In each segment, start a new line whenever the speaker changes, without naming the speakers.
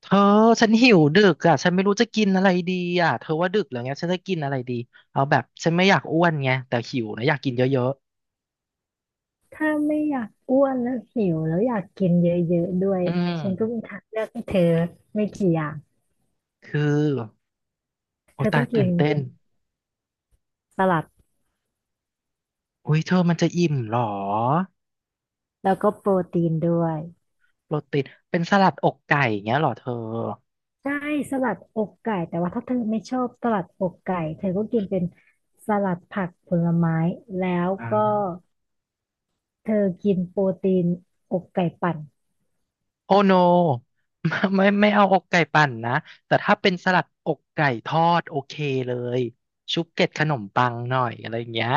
เธอฉันหิวดึกอ่ะฉันไม่รู้จะกินอะไรดีอ่ะเธอว่าดึกแล้วเงี้ยฉันจะกินอะไรดีเอาแบบฉันไม่อยากอ้วนไงแต่หิวนะอยากกินเยอะ
ถ้าไม่อยากอ้วนแล้วหิวแล้วอยากกินเยอะๆด้ว
ๆ
ย
อืม
ฉันก็มีทางเลือกให้เธอไม่กี่อย่าง
คือโอ
เธอ
ตา
ต้อ
ย
งกิ
ตื่น
น
เต้น
สลัด
อุ้ยเธอมันจะอิ่มเหรอ
แล้วก็โปรตีนด้วย
โปรตีนเป็นสลัดอกไก่เงี้ยเหรอเธอ
ใช่สลัดอกไก่แต่ว่าถ้าเธอไม่ชอบสลัดอกไก่เธอก็กินเป็นสลัดผักผลไม้แล้วก็
อ่า
เธอกินโปรตีนอกไก่ปั่น
โอโนไม่ไม่ไม่เอาอกไก่ปั่นนะแต่ถ้าเป็นสลัดอกไก่ทอดโอเคเลยชุบเกล็ดขนมปังหน่อยอะไรอย่างเงี้ย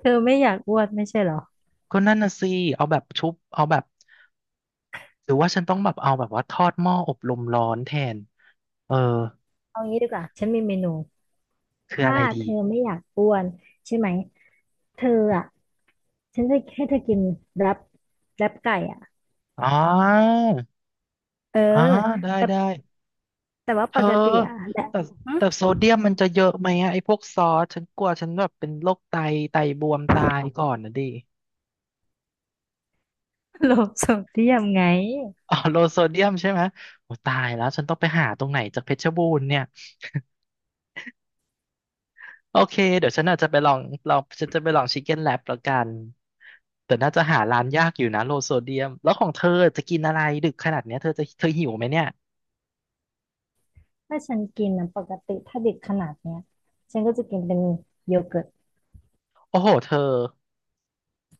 เธอไม่อยากอ้วนไม่ใช่เหรอ
ก็นั่นน่ะสิเอาแบบชุบเอาแบบ หรือว่าฉันต้องแบบเอาแบบว่าทอดหม้ออบลมร้อนแทนเออ
เอางี้ดีกว่าฉันมีเมนู
คืออะ
ถ้า
ไรดี
เธอไม่อยากอ้วนใช่ไหมเธออ่ะ ฉันจะให้เธอกินแรปแรปไก่อ่ะ
อ๋อ
เออ
อ๋อได้
แต่
ได้
แต่ว่า
เธ
ป
อ
กติอ่ะแหละ
แต่
หึ
แต่โซเดียมมันจะเยอะไหมอะไอ้พวกซอสฉันกลัวฉันแบบเป็นโรคไตไตบวมตายก่อนนะดิ
โลบสมเทียมไง
อ๋อโลโซเดียมใช่ไหมโอ้ตายแล้วฉันต้องไปหาตรงไหนจากเพชรบูรณ์เนี่ยโอเคเดี๋ยวฉันอาจจะไปลองฉันจะไปลองชิคเก้นแลบแล้วกันแต่น่าจะหาร้านยากอยู่นะโลโซเดียมแล้วของเธอจะกินอะไรดึกขนาดเนี้ยเธอจะเธอหิวไหมเนี่ย
ถ้าฉันกินนะปกติถ้าเด็กขนาดเนี้ยฉันก็จะกินเป็นโยเกิร์ต
โอ้โหเธอ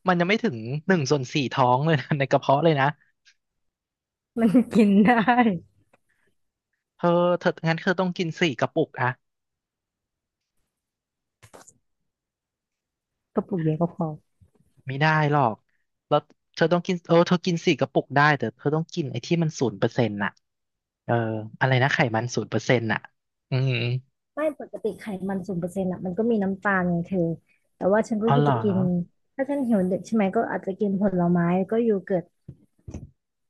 มันยังไม่ถึงหนึ่งส่วนสี่ท้องเลยนะ ในกระเพาะเลยนะ
มันกินได้
เธอเธองั้นเธอต้องกินสี่กระปุกอะ
กระปุกเดียวก็พอ
ไม่ได้หรอกแล้วเธอต้องกินเออเธอกินสี่กระปุกได้แต่เธอต้องกินไอ้ที่มันศูนย์เปอร์เซ็นต์น่ะเอออะไรนะไขมันศูนย์เปอร์เซ็นต์น่ะอืม
ไม่ปกติไขมันศูนย์เปอร์เซ็นต์อ่ะมันก็มีน้ำตาลไงเธอแต่ว่าฉันก็
อ๋อเหรอ
จะกินถ้าฉันหิวเด็กใช่ไหมก็อาจจะกินผลไม้ก็โยเกิร์ต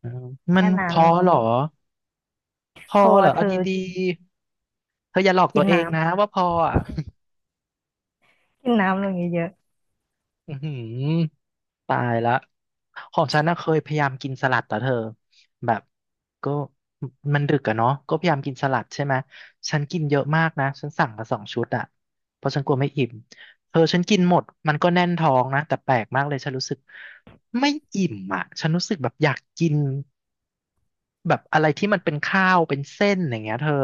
อืมมัน
แค่
พ
นั้น
อเหรอพอ
พอ
เหรอ
เธ
เอา
อ
ดีๆเธออย่าหลอกตั
กิ
ว
น
เอ
น้
งนะว่าพออ่ะ
ำกินน้ำลงเยอะ
อือหือ ตายละของฉันน่ะเคยพยายามกินสลัดแต่เธอแบบก็มันดึกอะเนาะก็พยายามกินสลัดใช่ไหมฉันกินเยอะมากนะฉันสั่งมาสองชุดอะเพราะฉันกลัวไม่อิ่มเธอฉันกินหมดมันก็แน่นท้องนะแต่แปลกมากเลยฉันรู้สึกไม่อิ่มอะฉันรู้สึกแบบอยากกินแบบอะไรที่มันเป็นข้าวเป็นเส้นอย่างเงี้ยเธอ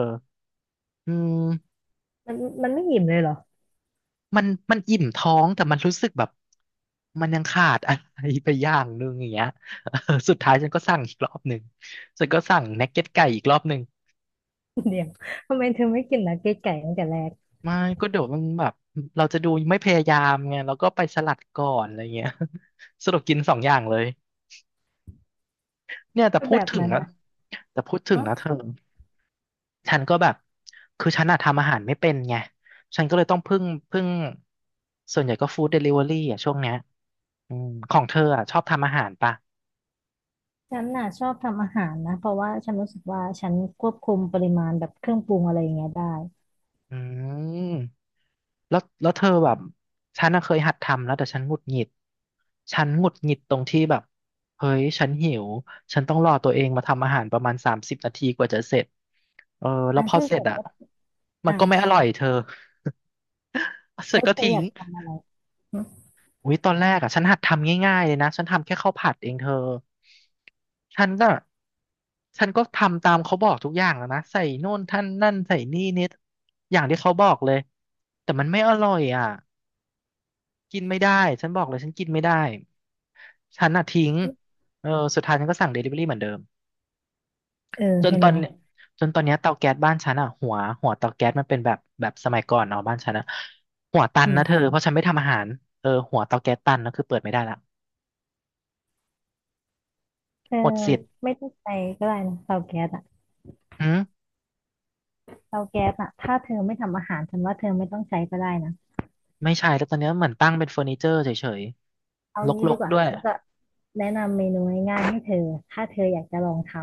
อืม
ๆมันไม่อิ่มเลยเหรอ
มันมันอิ่มท้องแต่มันรู้สึกแบบมันยังขาดอะไรไปอย่างนึงอย่างเงี้ย เออสุดท้ายฉันก็สั่งอีกรอบหนึ่งฉันก็สั่งนักเก็ตไก่อีกรอบหนึ่ง
เดี๋ยวทำไมเธอไม่กินนักเก็ตไก่ตั้งแต่แรก
ไม่ก็เดี๋ยวมันแบบเราจะดูไม่พยายามไงเราก็ไปสลัดก่อนอะไรเงี้ย สรุปกินสองอย่างเลยเนี่ยแต่
ก็
พู
แบ
ด
บ
ถึง
นั้น
นะ
นะ
แต่พูดถึง
ฮะ
นะเธอฉันก็แบบคือฉันอะทำอาหารไม่เป็นไงฉันก็เลยต้องพึ่งส่วนใหญ่ก็ฟู้ดเดลิเวอรี่อ่ะช่วงเนี้ยอืมของเธออะชอบทำอาหารปะ
ฉันน่ะชอบทำอาหารนะเพราะว่าฉันรู้สึกว่าฉันควบคุมปริมาณแบบเครื่องปรุงอะไรอย่างเงี้ยได้
อืมแล้วเธอแบบฉันน่ะเคยหัดทำแล้วแต่ฉันหงุดหงิดฉันหงุดหงิดตรงที่แบบเฮ้ยฉันหิวฉันต้องรอตัวเองมาทำอาหารประมาณสามสิบนาทีกว่าจะเสร็จเออแล้ว
อ่ะ
พอ
ถ้า
เสร็จ
เกิด
อ่ะ
ว่า
มั
อ่ะ
นก็ไม่อร่อยเธอ เสร็
แล้
จ
ว
ก็
เธอ
ทิ้
อ
ง
ยากทำอะไรหึ
อุ้ยตอนแรกอ่ะฉันหัดทำง่ายๆเลยนะฉันทำแค่ข้าวผัดเองเธอฉันก็ฉันก็ทำตามเขาบอกทุกอย่างแล้วนะใส่โน่นท่านนั่นใส่นี่นิดอย่างที่เขาบอกเลยแต่มันไม่อร่อยอ่ะกินไม่ได้ฉันบอกเลยฉันกินไม่ได้ฉันอ่ะทิ้งเออสุดท้ายฉันก็สั่งเดลิเวอรี่เหมือนเดิม
เออ
จน
เห็น
ตอ
ไห
น
ม
เนี้ยจนตอนเนี้ยเตาแก๊สบ้านฉันอ่ะหัวเตาแก๊สมันเป็นแบบสมัยก่อนเนาะบ้านฉันอ่ะหัวตัน
อื
นะเธอ
ม
เพราะฉันไม่ทำอาหารเออหัวเตาแก๊สตันนะคือเปิดไม่ได้ละ
เธอ
หมดสิทธิ์
ไม่ต้องใช้ก็ได้นะเตาแก๊สอะ
อืม
เตาแก๊สอะถ้าเธอไม่ทำอาหารฉันว่าเธอไม่ต้องใช้ก็ได้นะ
ไม่ใช่แต่ตอนเนี้ยเหมือนตั้งเป็นเฟอร์นิเจอร์เฉย
เอา
ๆ
งี้
ร
ดี
ก
ก
ๆ
ว่า
ด้วย
ฉันจะแนะนำเมนูง่ายๆให้เธอถ้าเธออยากจะลองทำ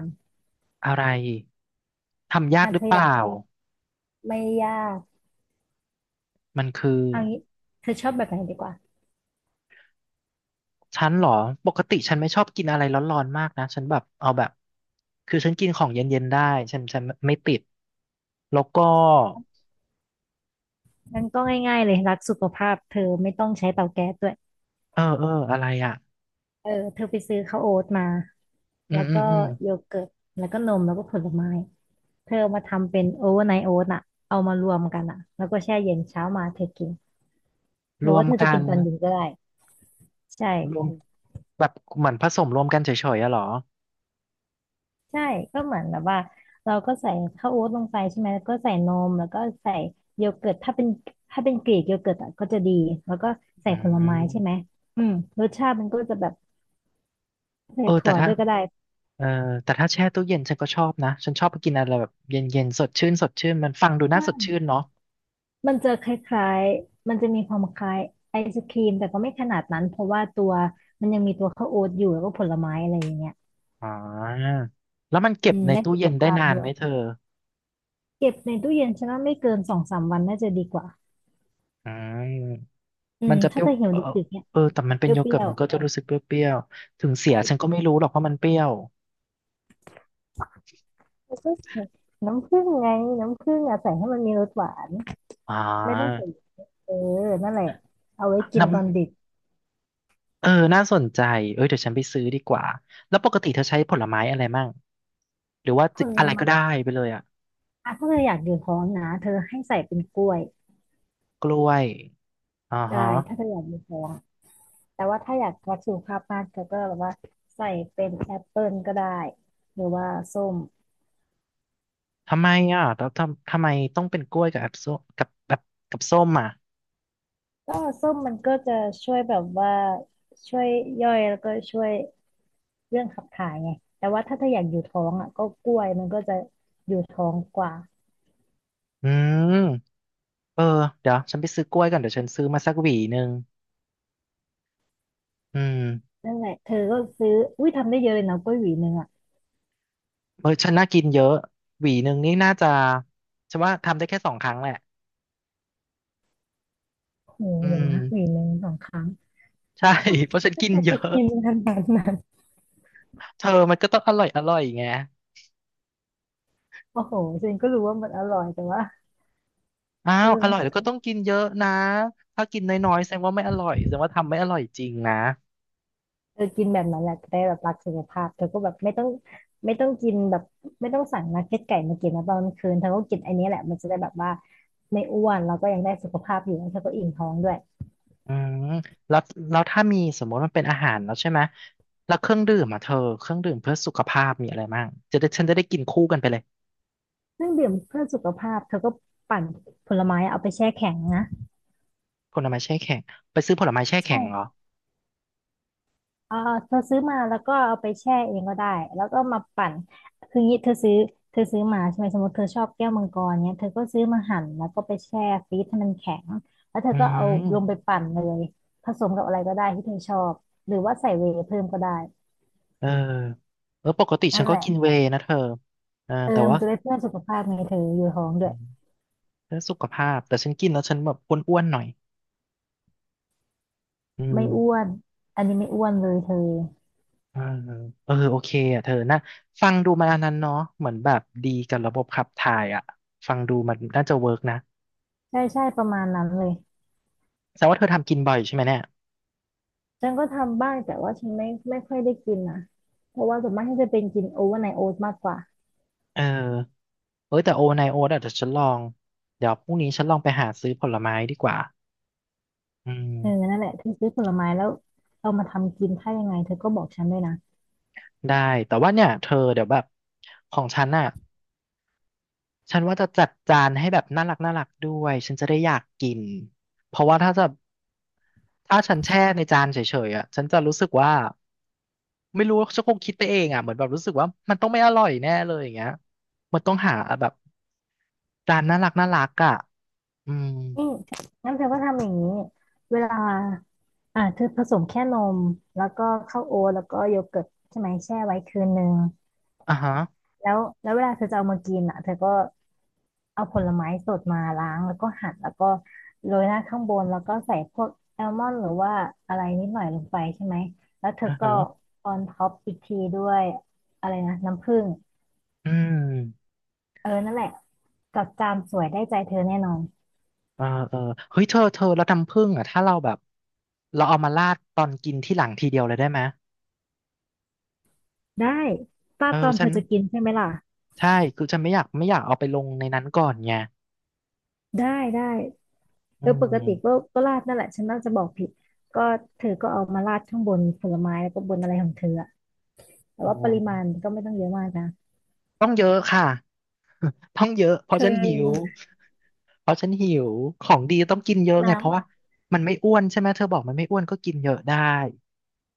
อะไรทำยาก
อ่ะ
ห
เธ
รือ
อ
เป
อยาก
ล่า
ไม่ยาก
มันคือ
เอางี้เธอชอบแบบไหนดีกว่า
ฉันเหรอปกติฉันไม่ชอบกินอะไรร้อนๆมากนะฉันแบบเอาแบบคือฉันกินของเย็นๆได้ฉันไม่ติดแล้วก็
งั้นก็ง่ายๆเลยรักสุขภาพเธอไม่ต้องใช้เตาแก๊สด้วย
เอออะไรอ่ะ
เออเธอไปซื้อข้าวโอ๊ตมา
อื
แล้
ม
ว
อื
ก็
มอืม
โยเกิร์ตแล้วก็นมแล้วก็ผลไม้เธอเอามาทำเป็นโอเวอร์ไนท์โอ๊ตอะเอามารวมกันอะแล้วก็แช่เย็นเช้ามาเธอกินห
ร
รือ
ว
ว่า
ม
เธอ
กั
จะกิ
น
นตอนเย็นก็ได้
รว
ใช่
มแบบเหมือนผสมรวมกันเฉยๆอะเหรอ
ใช่ก็เหมือนแบบว่าเราก็ใส่ข้าวโอ๊ตลงไปใช่ไหมแล้วก็ใส่นมแล้วก็ใส่โยเกิร์ตถ้าเป็นกรีกโยเกิร์ตอะก็จะดีแล้วก็ใส่
อื
ผล
ม
ไม้ใช่ไหมอืมรสชาติมันก็จะแบบใส่
เออแต่
ถั่ว
ถ้า
ด้วยก็ได้
เออแต่ถ้าแช่ตู้เย็นฉันก็ชอบนะฉันชอบไปกินอะไรแบบเย็นๆสดชื่นสดชื่นมันฟังดูน่าสด
ใช่
ชื่นเนาะ
มันจะคล้ายๆ มันจะมีความคล้ายไอศครีมแต่ก็ไม่ขนาดนั้นเพราะว่าตัวมันยังมีตัวข้าวโอ๊ตอยู่แล้วก็ผลไม้อะไรอย่างเงี้ย
อ่าแล้วมันเก็
อื
บ
ม
ใน
ได้
ตู้
สุข
เย็นได้
ภาพ
นาน
ด้ว
ไหม
ย
เธอ
เก็บในตู้เย็นฉันว่าไม่เกินสองสามวันน่าจะดีกว่า
อืม
อื
มั
ม
นจะเป
ถ้า
รี้ยว
จะเหี่ยว
เออ
ดึกๆเนี่ย
เออแต่มันเป็
เป
นโย
รี้
เกิร์
ย
ต
ว
มันก็จะรู้สึกเปรี้ยวๆถึง
ๆ
เสีย
ใช่
ฉันก็ไม่รู้หรอกว่ามันเปรี้ยว
แล้วก็ใส่น้ำผึ้งไง น้ำผึ้งอะใส่ให้มันมีรสหวาน
อ่
ไม่ต้อง
า
ใส่เออนั่นแหละเอาไว้กิน
น้
ตอนดึก
ำเออน่าสนใจเอ้ยเดี๋ยวฉันไปซื้อดีกว่าแล้วปกติเธอใช้ผลไม้อะไรมั่งหรือว่า
ผ
จะ
ล
อะไรก็
ไม้
ได้ไปเลยอะ
อะถ้าเธออยากอยู่ท้องนะเธอให้ใส่เป็นกล้วย
กล้วยอ่า
ได้
ฮะ
ถ้าเธออยากอยู่ท้อง แต่ว่าถ้าอยากวัดสุขภาพมากเธอก็แบบว่าใส่เป็นแอปเปิลก็ได้หรือว่าส้ม
ทำไมอ่ะแล้วทำไมต้องเป็นกล้วยกับแอปส้มกับแบบกับส้มอ่ะ
ก็ส้มมันก็จะช่วยแบบว่าช่วยย่อยแล้วก็ช่วยเรื่องขับถ่ายไงแต่ว่าถ้าเธออยากอยู่ท้องอ่ะก็กล้วยมันก็จะอยู่ท้องกว่า
อืมเออเดี๋ยวฉันไปซื้อกล้วยก่อนเดี๋ยวฉันซื้อมาสักหวีหนึ่งอืม
นั่นแหละเธอก็ซื้ออุ้ยทำได้เยอะเลยนะกล้วยหวีหนึ่งอ่ะ
เออฉันน่ากินเยอะหวีหนึ่งนี่น่าจะฉันว่าทำได้แค่สองครั้งแหละ
โอ้โห
อื
เดี๋ยว
ม
นะหวีหนึ่งสองครั้ง
ใช่ เพราะฉันกิน เย
ไป
อะ
กินขนาดนั้น
เธอมันก็ต้องอร่อยไง
โอ้โหฉันก็รู้ว่ามันอร่อยแต่ว่า
อ้าวอร่อย
เอ
แล้
อ
วก็ต้องกินเยอะนะถ้ากินน้อยๆแสดงว่าไม่อร่อยแสดงว่าทำไม่อร่อยจริงนะ
เออกินแบบนั้นแหละจะได้แบบรักสุขภาพเธอก็แบบไม่ต้องไม่ต้องกินแบบไม่ต้องสั่งนักเก็ตไก่มากินนะตอนกลางคืนเธอก็กินไอันนี้แหละมันจะได้แบบว่าไม่อ้วนแล้วก็ยังได้สุขภาพอยู่แล้วเธอก็อิ่มท้องด้วย
อืมแล้วแล้วถ้ามีสมมติมันเป็นอาหารแล้วใช่ไหมแล้วเครื่องดื่มอ่ะเธอเครื่องดื่มเพื่อสุขภาพมีอะไรบ้างจะได้ฉันจะได้กินคู่กันไปเลย
เครื่องดื่มเพื่อสุขภาพเธอก็ปั่นผลไม้เอาไปแช่แข็งนะ
ผลไม้แช่แข็งไปซื้อผลไม้แช่แข็งเหรอ
ใช่ อ่าเธอซื้อมาแล้วก็เอาไปแช่เองก็ได้แล้วก็มาปั่นคืองี้เธอซื้อเธอซื้อมาใช่ไหมสมมติเธอชอบแก้วมังกรเนี้ยเธอก็ซื้อมาหั่นแล้วก็ไปแช่ฟรีซให้มันแข็งแล้วเธอ
อื
ก็เอาลงไป
ม
ปั่นเลยผสมกับอะไรก็ได้ที่เธอชอบหรือว่าใส่เวย์เพิ่มก็ได้
เออเออปกติฉั
นั่
น
น
ก็
แหละ
กินเวย์นะเธอเออ
เออ
แต่
มั
ว่า
นจะได้เพื่อนสุขภาพไงเธออยู่ท้องด้
อื
วย
มเพื่อสุขภาพแต่ฉันกินแล้วฉันแบบอ้วนๆหน่อยอืม
ไม่อ้วนอันนี้ไม่อ้วนเลยเธอ
เออเออโอเคอ่ะเธอนะฟังดูมาอันนั้นเนาะเหมือนแบบดีกับระบบขับถ่ายอ่ะฟังดูมันน่าจะเวิร์กนะ
ใช่ใช่ประมาณนั้นเลย
แสดงว่าเธอทำกินบ่อยใช่ไหมเนี่ย
ฉันก็ทำบ้างแต่ว่าฉันไม่ค่อยได้กินนะเพราะว่าส่วนมากฉันจะเป็นกินโอเวอร์ไนท์โอ๊ตมากกว่า
เออ เอ้ยแต่โอไนโอเดี๋ยวฉันลองเดี๋ยวพรุ่งนี้ฉันลองไปหาซื้อผลไม้ดีกว่าอืม
เออนั่นแหละเธอซื้อผลไม้แล้วเอามาทำกินถ้ายังไงเธอก็บอกฉันด้วยนะ
ได้แต่ว่าเนี่ยเธอเดี๋ยวแบบของฉันน่ะฉันว่าจะจัดจานให้แบบน่ารักด้วยฉันจะได้อยากกินเพราะว่าถ้าจะถ้าฉันแช่ในจานเฉยๆอ่ะฉันจะรู้สึกว่าไม่รู้ฉันคงคิดไปเองอ่ะเหมือนแบบรู้สึกว่ามันต้องไม่อร่อยแน่เลยอย่างเงี้ยมันต้องหาแบบจานน่ารักอ่ะอืม
นี่งั้นเธอก็ทำอย่างนี้เวลาอ่าเธอผสมแค่นมแล้วก็ข้าวโอ๊ตแล้วก็โยเกิร์ตใช่ไหมแช่ไว้คืนนึง
อ่ะฮะ
แล้วเวลาเธอจะเอามากินอ่ะเธอก็เอาผลไม้สดมาล้างแล้วก็หั่นแล้วก็โรยหน้าข้างบนแล้วก็ใส่พวกแอลมอนด์หรือว่าอะไรนิดหน่อยลงไปใช่ไหมแล้วเธอ
อ่ะ
ก็
ฮะ
ออนท็อปอีกทีด้วยอะไรนะน้ำผึ้ง
อืม
เออนั่นแหละกับจามสวยได้ใจเธอแน่นอน
เออเออเฮ้ยเธอแล้วน้ำผึ้งอ่ะถ้าเราแบบเราเอามาราดตอนกินที่หลังทีเดียวเลยได้ไหม
ได้ป้า
เอ
ด
อ
ตอน
ฉั
เธ
น
อจะกินใช่ไหมล่ะ
ใช่คือฉันไม่อยากเอาไปลงในนั้นก่อนไง
ได้ได้เอ
อื
อปกติ
ม
ก็ราดนั่นแหละฉันน่าจะบอกผิดก็เธอก็เอามาราดข้างบนผลไม้แล้วก็บนอะไรของเธออะแต่
เอ
ว่าปริมาณ
อ
ก็ไม่ต้องเยอะมากนะ
ต้องเยอะค่ะต้องเยอะเพ
เธ
ราะฉันหิว
อ
เพราะฉันหิวของดีต้องกินเยอะไงเพราะ
น้ำ
ว่ามันไม่อ้วนใช่ไหมเธอบอกมันไม่อ้วนก็กินเยอะได้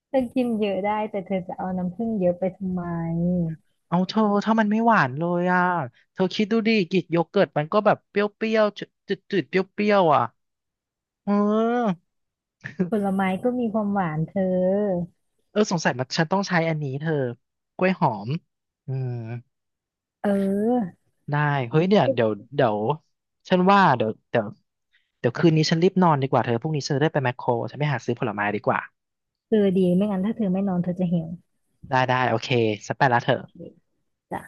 เธอกินเยอะได้แต่เธอจะเอาน้ำผึ้งเยอะไปทำไม
เอาเธอถ้ามันไม่หวานเลยอ่ะเธอคิดดูดิกรีกโยเกิร์ตมันก็แบบเปรี้ยวๆจืดๆเปรี้ยวๆอ่ะเออ
ผลไม้ก็มีความหวานเธอ
เออสงสัยมันฉันต้องใช้อันนี้เธอกล้วยหอมอืม
เออ
ได้เฮ้ยเนี่ยเดี๋ยวฉันว่าเดี๋ยวเดี๋ยวคืนนี้ฉันรีบนอนดีกว่าเธอพรุ่งนี้ฉันจะได้ไปแมคโครฉันไปหาซื้อผลไม้ดีกว่า
เธอดีไม่งั้นถ้าเธอไม่นอนเธอจะหิว
ได้ได้โอเคฉันไปละเธอ
โอเคจ้ะ